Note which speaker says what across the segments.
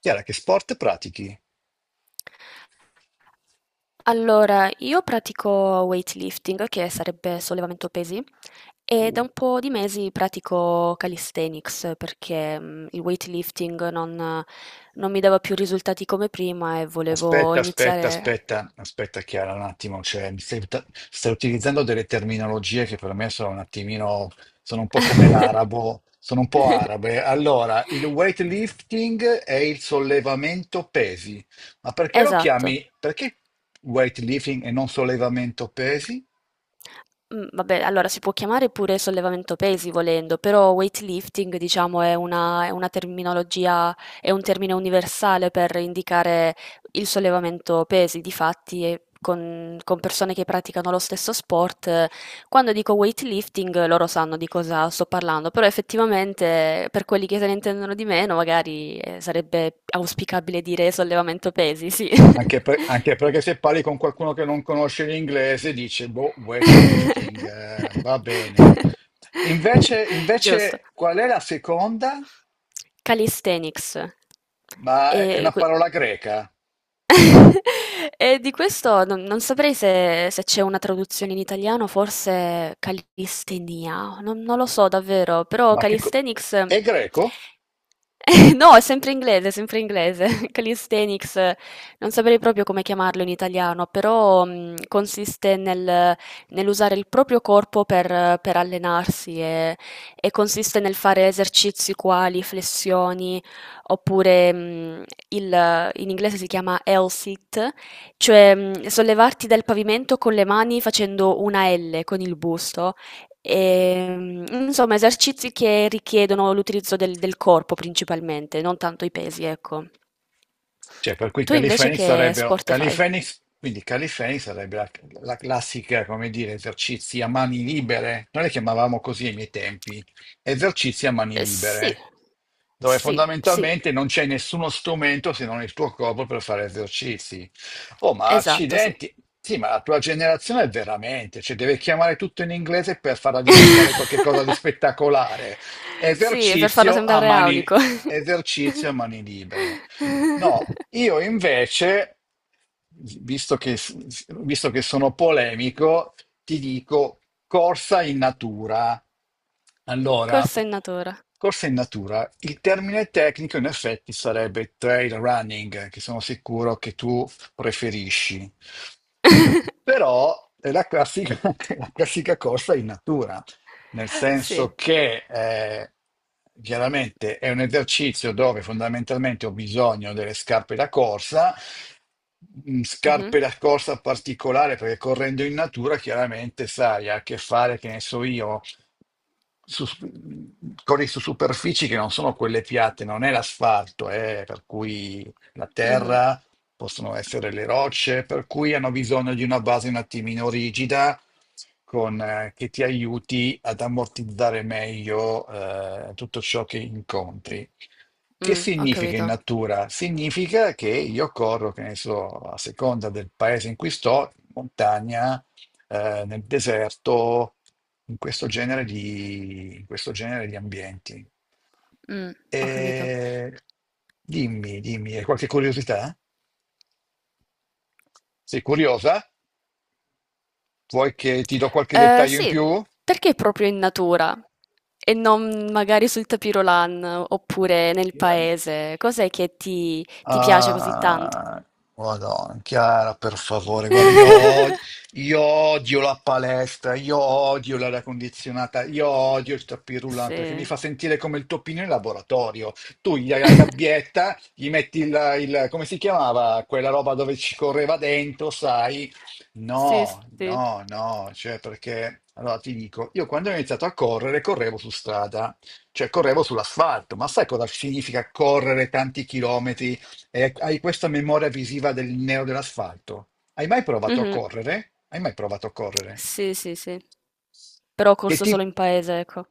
Speaker 1: Chiara, che sport pratichi?
Speaker 2: Allora, io pratico weightlifting, che sarebbe sollevamento pesi, e da un po' di mesi pratico calisthenics perché il weightlifting non mi dava più risultati come prima e volevo
Speaker 1: Aspetta, aspetta,
Speaker 2: iniziare.
Speaker 1: aspetta, aspetta Chiara un attimo, cioè, mi stai, stai utilizzando delle terminologie che per me sono un attimino, sono un po' come l'arabo, sono un po' arabe. Allora, il weightlifting è il sollevamento pesi, ma perché lo
Speaker 2: Esatto.
Speaker 1: chiami, perché weightlifting e non sollevamento pesi?
Speaker 2: Mhmm, vabbè, allora si può chiamare pure sollevamento pesi volendo, però weightlifting diciamo è una terminologia è un termine universale per indicare il sollevamento pesi. Difatti, con persone che praticano lo stesso sport, quando dico weightlifting, loro sanno di cosa sto parlando, però effettivamente, per quelli che se ne intendono di meno magari, sarebbe auspicabile dire sollevamento pesi, sì.
Speaker 1: Anche, anche perché se parli con qualcuno che non conosce l'inglese dice, boh, weightlifting, va bene. Invece,
Speaker 2: Giusto.
Speaker 1: invece, qual è la seconda?
Speaker 2: Calisthenics.
Speaker 1: Ma è
Speaker 2: E
Speaker 1: una
Speaker 2: que
Speaker 1: parola greca.
Speaker 2: E di questo non saprei se c'è una traduzione in italiano, forse calistenia, non lo so davvero, però
Speaker 1: Ma che co-
Speaker 2: calisthenics
Speaker 1: è greco?
Speaker 2: No, è sempre inglese, sempre inglese. Calisthenics, non saprei proprio come chiamarlo in italiano, però consiste nell'usare il proprio corpo per allenarsi e consiste nel fare esercizi quali flessioni, oppure in inglese si chiama L sit, cioè sollevarti dal pavimento con le mani facendo una L con il busto. E, insomma, esercizi che richiedono l'utilizzo del corpo principalmente, non tanto i pesi, ecco.
Speaker 1: Cioè, per cui
Speaker 2: Tu invece
Speaker 1: Califenix
Speaker 2: che
Speaker 1: sarebbero,
Speaker 2: sport fai?
Speaker 1: Califenix, quindi Califenix sarebbe la, la classica, come dire, esercizi a mani libere. Noi le chiamavamo così ai miei tempi, esercizi a mani
Speaker 2: Sì,
Speaker 1: libere, dove
Speaker 2: sì, sì,
Speaker 1: fondamentalmente non c'è nessuno strumento se non il tuo corpo per fare esercizi. Oh, ma
Speaker 2: esatto, sì.
Speaker 1: accidenti! Sì, ma la tua generazione è veramente, cioè deve chiamare tutto in inglese per farla diventare qualcosa di spettacolare.
Speaker 2: Sì, per farlo
Speaker 1: Esercizio a
Speaker 2: sembrare
Speaker 1: mani,
Speaker 2: aulico.
Speaker 1: esercizio a mani libere. No, io invece, visto che, visto che sono polemico, ti dico corsa in natura. Allora,
Speaker 2: Corsa in natura.
Speaker 1: corsa in natura, il termine tecnico in effetti sarebbe trail running, che sono sicuro che tu preferisci, però è la classica, la classica corsa in natura, nel
Speaker 2: Sì.
Speaker 1: senso che chiaramente è un esercizio dove fondamentalmente ho bisogno delle scarpe da corsa,
Speaker 2: Mh-mh.
Speaker 1: scarpe da corsa particolare perché correndo in natura chiaramente sai, ha a che fare, che ne so io, su- corri su superfici che non sono quelle piatte, non è l'asfalto, per cui la
Speaker 2: Mh-mh.
Speaker 1: terra possono essere le rocce, per cui hanno bisogno di una base un attimino rigida con, che ti aiuti ad ammortizzare meglio tutto ciò che incontri. Che
Speaker 2: Ho
Speaker 1: significa in
Speaker 2: capito.
Speaker 1: natura? Significa che io corro, che ne so, a seconda del paese in cui sto, in montagna, nel deserto, in questo genere di, in questo genere di ambienti.
Speaker 2: Mh, ho capito.
Speaker 1: E dimmi, dimmi, hai qualche curiosità? Sei curiosa? Vuoi che ti do qualche
Speaker 2: Ehm,
Speaker 1: dettaglio in
Speaker 2: sì,
Speaker 1: più?
Speaker 2: perché proprio in natura e non magari sul tapirolan oppure nel paese? Cos'è che ti piace così tanto?
Speaker 1: Ah, Madonna, Chiara, per favore, guarda, io, io odio la palestra, io odio l'aria condizionata, io odio il tapis roulant perché mi
Speaker 2: Sì.
Speaker 1: fa sentire come il toppino in laboratorio. Tu gli hai la gabbietta, gli metti il, come si chiamava, quella roba dove ci correva dentro, sai?
Speaker 2: Sì,
Speaker 1: No,
Speaker 2: sì.
Speaker 1: no, no, cioè perché, allora ti dico, io quando ho iniziato a correre, correvo su strada, cioè correvo sull'asfalto, ma sai cosa significa correre tanti chilometri? E hai questa memoria visiva del nero dell'asfalto. Hai mai provato a
Speaker 2: Mh-mh.
Speaker 1: correre? Hai mai provato a correre?
Speaker 2: Sì, sì, sì. Però ho
Speaker 1: Che
Speaker 2: corso
Speaker 1: ti-
Speaker 2: solo in paese, ecco.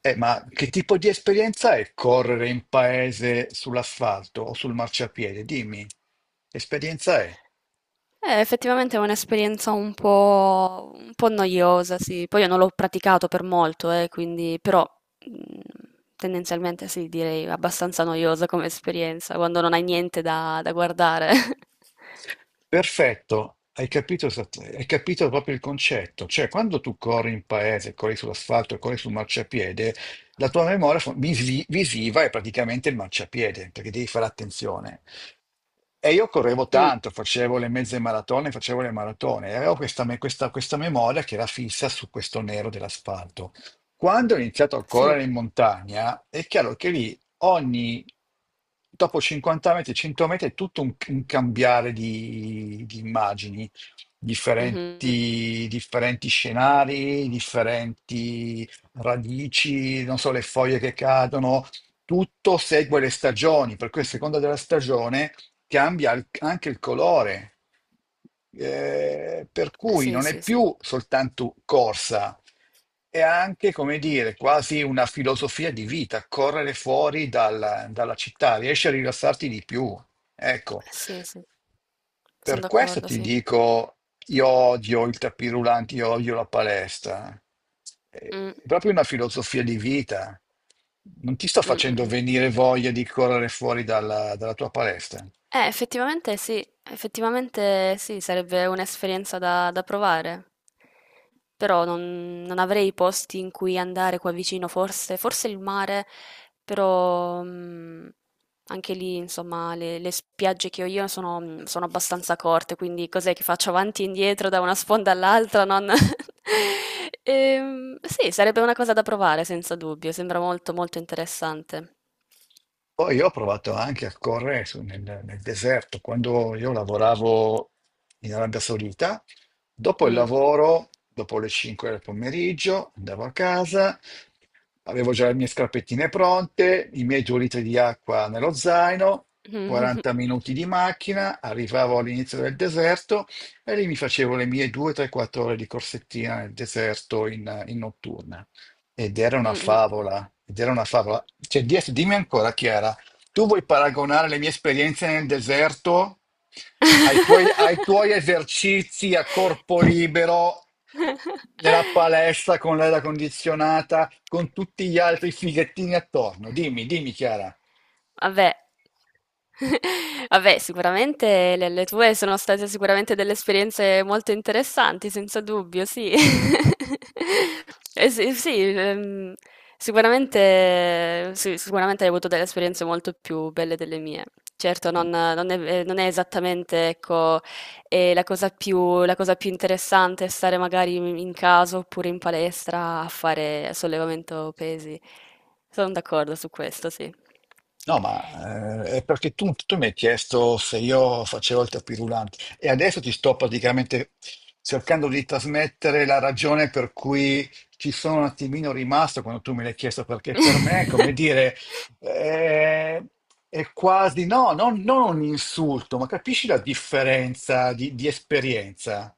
Speaker 1: ma che tipo di esperienza è correre in paese sull'asfalto o sul marciapiede? Dimmi, che esperienza è?
Speaker 2: Effettivamente è un'esperienza un po' noiosa, sì. Poi io non l'ho praticato per molto, quindi però, mhmm, tendenzialmente sì, direi abbastanza noiosa come esperienza, quando non hai niente da guardare.
Speaker 1: Perfetto, hai capito, hai capito proprio il concetto. Cioè, quando tu corri in paese, corri sull'asfalto, corri sul marciapiede, la tua memoria visiva è praticamente il marciapiede, perché devi fare attenzione. E io correvo
Speaker 2: Mh,
Speaker 1: tanto, facevo le mezze maratone, facevo le maratone, e avevo questa, questa memoria che era fissa su questo nero dell'asfalto. Quando ho iniziato a
Speaker 2: sì.
Speaker 1: correre in montagna, è chiaro che lì ogni, dopo 50 metri, 100 metri è tutto un cambiare di immagini,
Speaker 2: Mh-mh.
Speaker 1: differenti, differenti scenari, differenti radici, non so, le foglie che cadono, tutto segue le stagioni, per cui a seconda della stagione cambia anche il colore. Per cui
Speaker 2: Sì,
Speaker 1: non è
Speaker 2: sì, sì.
Speaker 1: più soltanto corsa, è anche, come dire, quasi una filosofia di vita, correre fuori dalla, dalla città, riesci a rilassarti di più. Ecco,
Speaker 2: Sì, sì. Son
Speaker 1: per questo
Speaker 2: d'accordo,
Speaker 1: ti
Speaker 2: sì.
Speaker 1: dico, io odio il tapis roulant, io odio la palestra. È
Speaker 2: Mh.
Speaker 1: proprio una filosofia di vita. Non ti sto
Speaker 2: Mh, mh,
Speaker 1: facendo
Speaker 2: mh.
Speaker 1: venire voglia di correre fuori dalla tua palestra.
Speaker 2: Effettivamente sì, sarebbe un'esperienza da provare. Però non avrei posti in cui andare qua vicino, forse, forse il mare, però anche lì, insomma, le spiagge che ho io sono, sono abbastanza corte, quindi cos'è che faccio avanti e indietro da una sponda all'altra? Non... Sì, sarebbe una cosa da provare, senza dubbio, sembra molto molto interessante.
Speaker 1: Poi io ho provato anche a correre nel, nel deserto, quando io lavoravo in Arabia Saudita, dopo il
Speaker 2: Mm.
Speaker 1: lavoro, dopo le 5 del pomeriggio, andavo a casa, avevo già le mie scarpettine pronte, i miei 2 litri di acqua nello zaino, 40 minuti di macchina, arrivavo all'inizio del deserto e lì mi facevo le mie 2, 3, 4 ore di corsettina nel deserto in, in notturna. Ed era una
Speaker 2: Mh-mh.
Speaker 1: favola, ed era una favola. Cioè, dimmi ancora, Chiara, tu vuoi paragonare le mie esperienze nel deserto ai tuoi esercizi a corpo libero nella palestra con l'aria condizionata, con tutti gli altri fighettini attorno? Dimmi, dimmi, Chiara.
Speaker 2: Vabbè. Vabbè, sicuramente le tue sono state sicuramente delle esperienze molto interessanti, senza dubbio, sì. Sì, sì, sicuramente, sì, sicuramente hai avuto delle esperienze molto più belle delle mie. Certo, non è esattamente, ecco, e la cosa più interessante è stare magari in casa oppure in palestra a fare sollevamento pesi. Sono d'accordo su questo, sì.
Speaker 1: No, ma è perché tu, tu mi hai chiesto se io facevo il tapirulante e adesso ti sto praticamente cercando di trasmettere la ragione per cui ci sono un attimino rimasto quando tu me l'hai chiesto, perché per me, come dire, eh, è quasi, no, non, non un insulto, ma capisci la differenza di esperienza?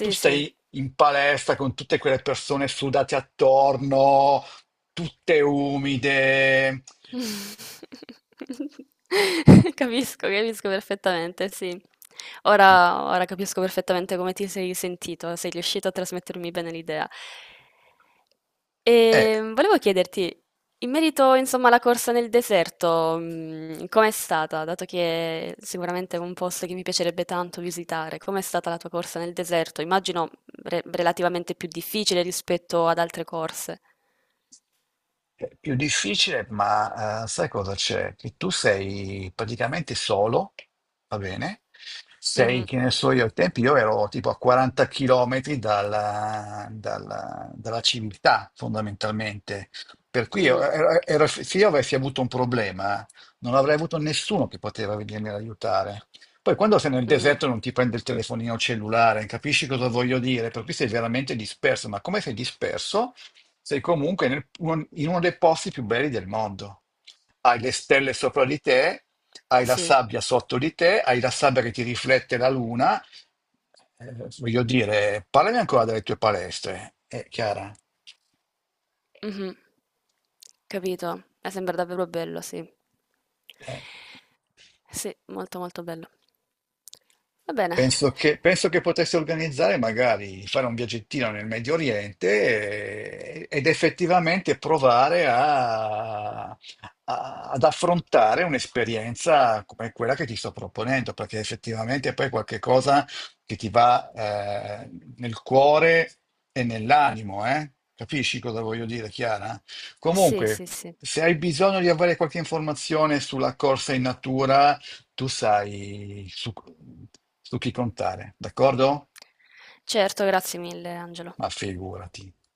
Speaker 1: Tu
Speaker 2: sì.
Speaker 1: stai in palestra con tutte quelle persone sudate attorno, tutte umide.
Speaker 2: Capisco, capisco perfettamente, sì. Ora, ora capisco perfettamente come ti sei sentito, sei riuscito a trasmettermi bene l'idea.
Speaker 1: È
Speaker 2: E volevo chiederti, in merito, insomma, alla corsa nel deserto, com'è stata? Dato che sicuramente è un posto che mi piacerebbe tanto visitare, com'è stata la tua corsa nel deserto? Immagino relativamente più difficile rispetto ad altre corse.
Speaker 1: più difficile, ma sai cosa c'è? Che tu sei praticamente solo, va bene? Sei,
Speaker 2: Mhm,
Speaker 1: che ne so io, ai tempi io ero tipo a 40 km dalla, dalla civiltà, fondamentalmente. Per cui
Speaker 2: mm,
Speaker 1: se io avessi avuto un problema, non avrei avuto nessuno che poteva venirmi ad aiutare. Poi quando sei nel
Speaker 2: mm,
Speaker 1: deserto non ti prende il telefonino cellulare, capisci cosa voglio dire? Per cui sei veramente disperso, ma come sei disperso? Sei comunque in uno dei posti più belli del mondo. Hai le stelle sopra di te, hai la
Speaker 2: sì,
Speaker 1: sabbia sotto di te, hai la sabbia che ti riflette la luna. Voglio dire, parlami ancora delle tue palestre, Chiara.
Speaker 2: mhm, capito. Sembra davvero bello, sì.
Speaker 1: Eh.
Speaker 2: Sì, molto molto bello. Va bene,
Speaker 1: Penso che potessi organizzare magari fare un viaggettino nel Medio Oriente ed effettivamente provare ad affrontare un'esperienza come quella che ti sto proponendo, perché effettivamente poi è qualcosa che ti va nel cuore e nell'animo, eh? Capisci cosa voglio dire, Chiara?
Speaker 2: sì,
Speaker 1: Comunque,
Speaker 2: sì, sì.
Speaker 1: se hai bisogno di avere qualche informazione sulla corsa in natura, tu sai su, su chi contare, d'accordo?
Speaker 2: Certo, grazie mille Angelo.
Speaker 1: Ma figurati.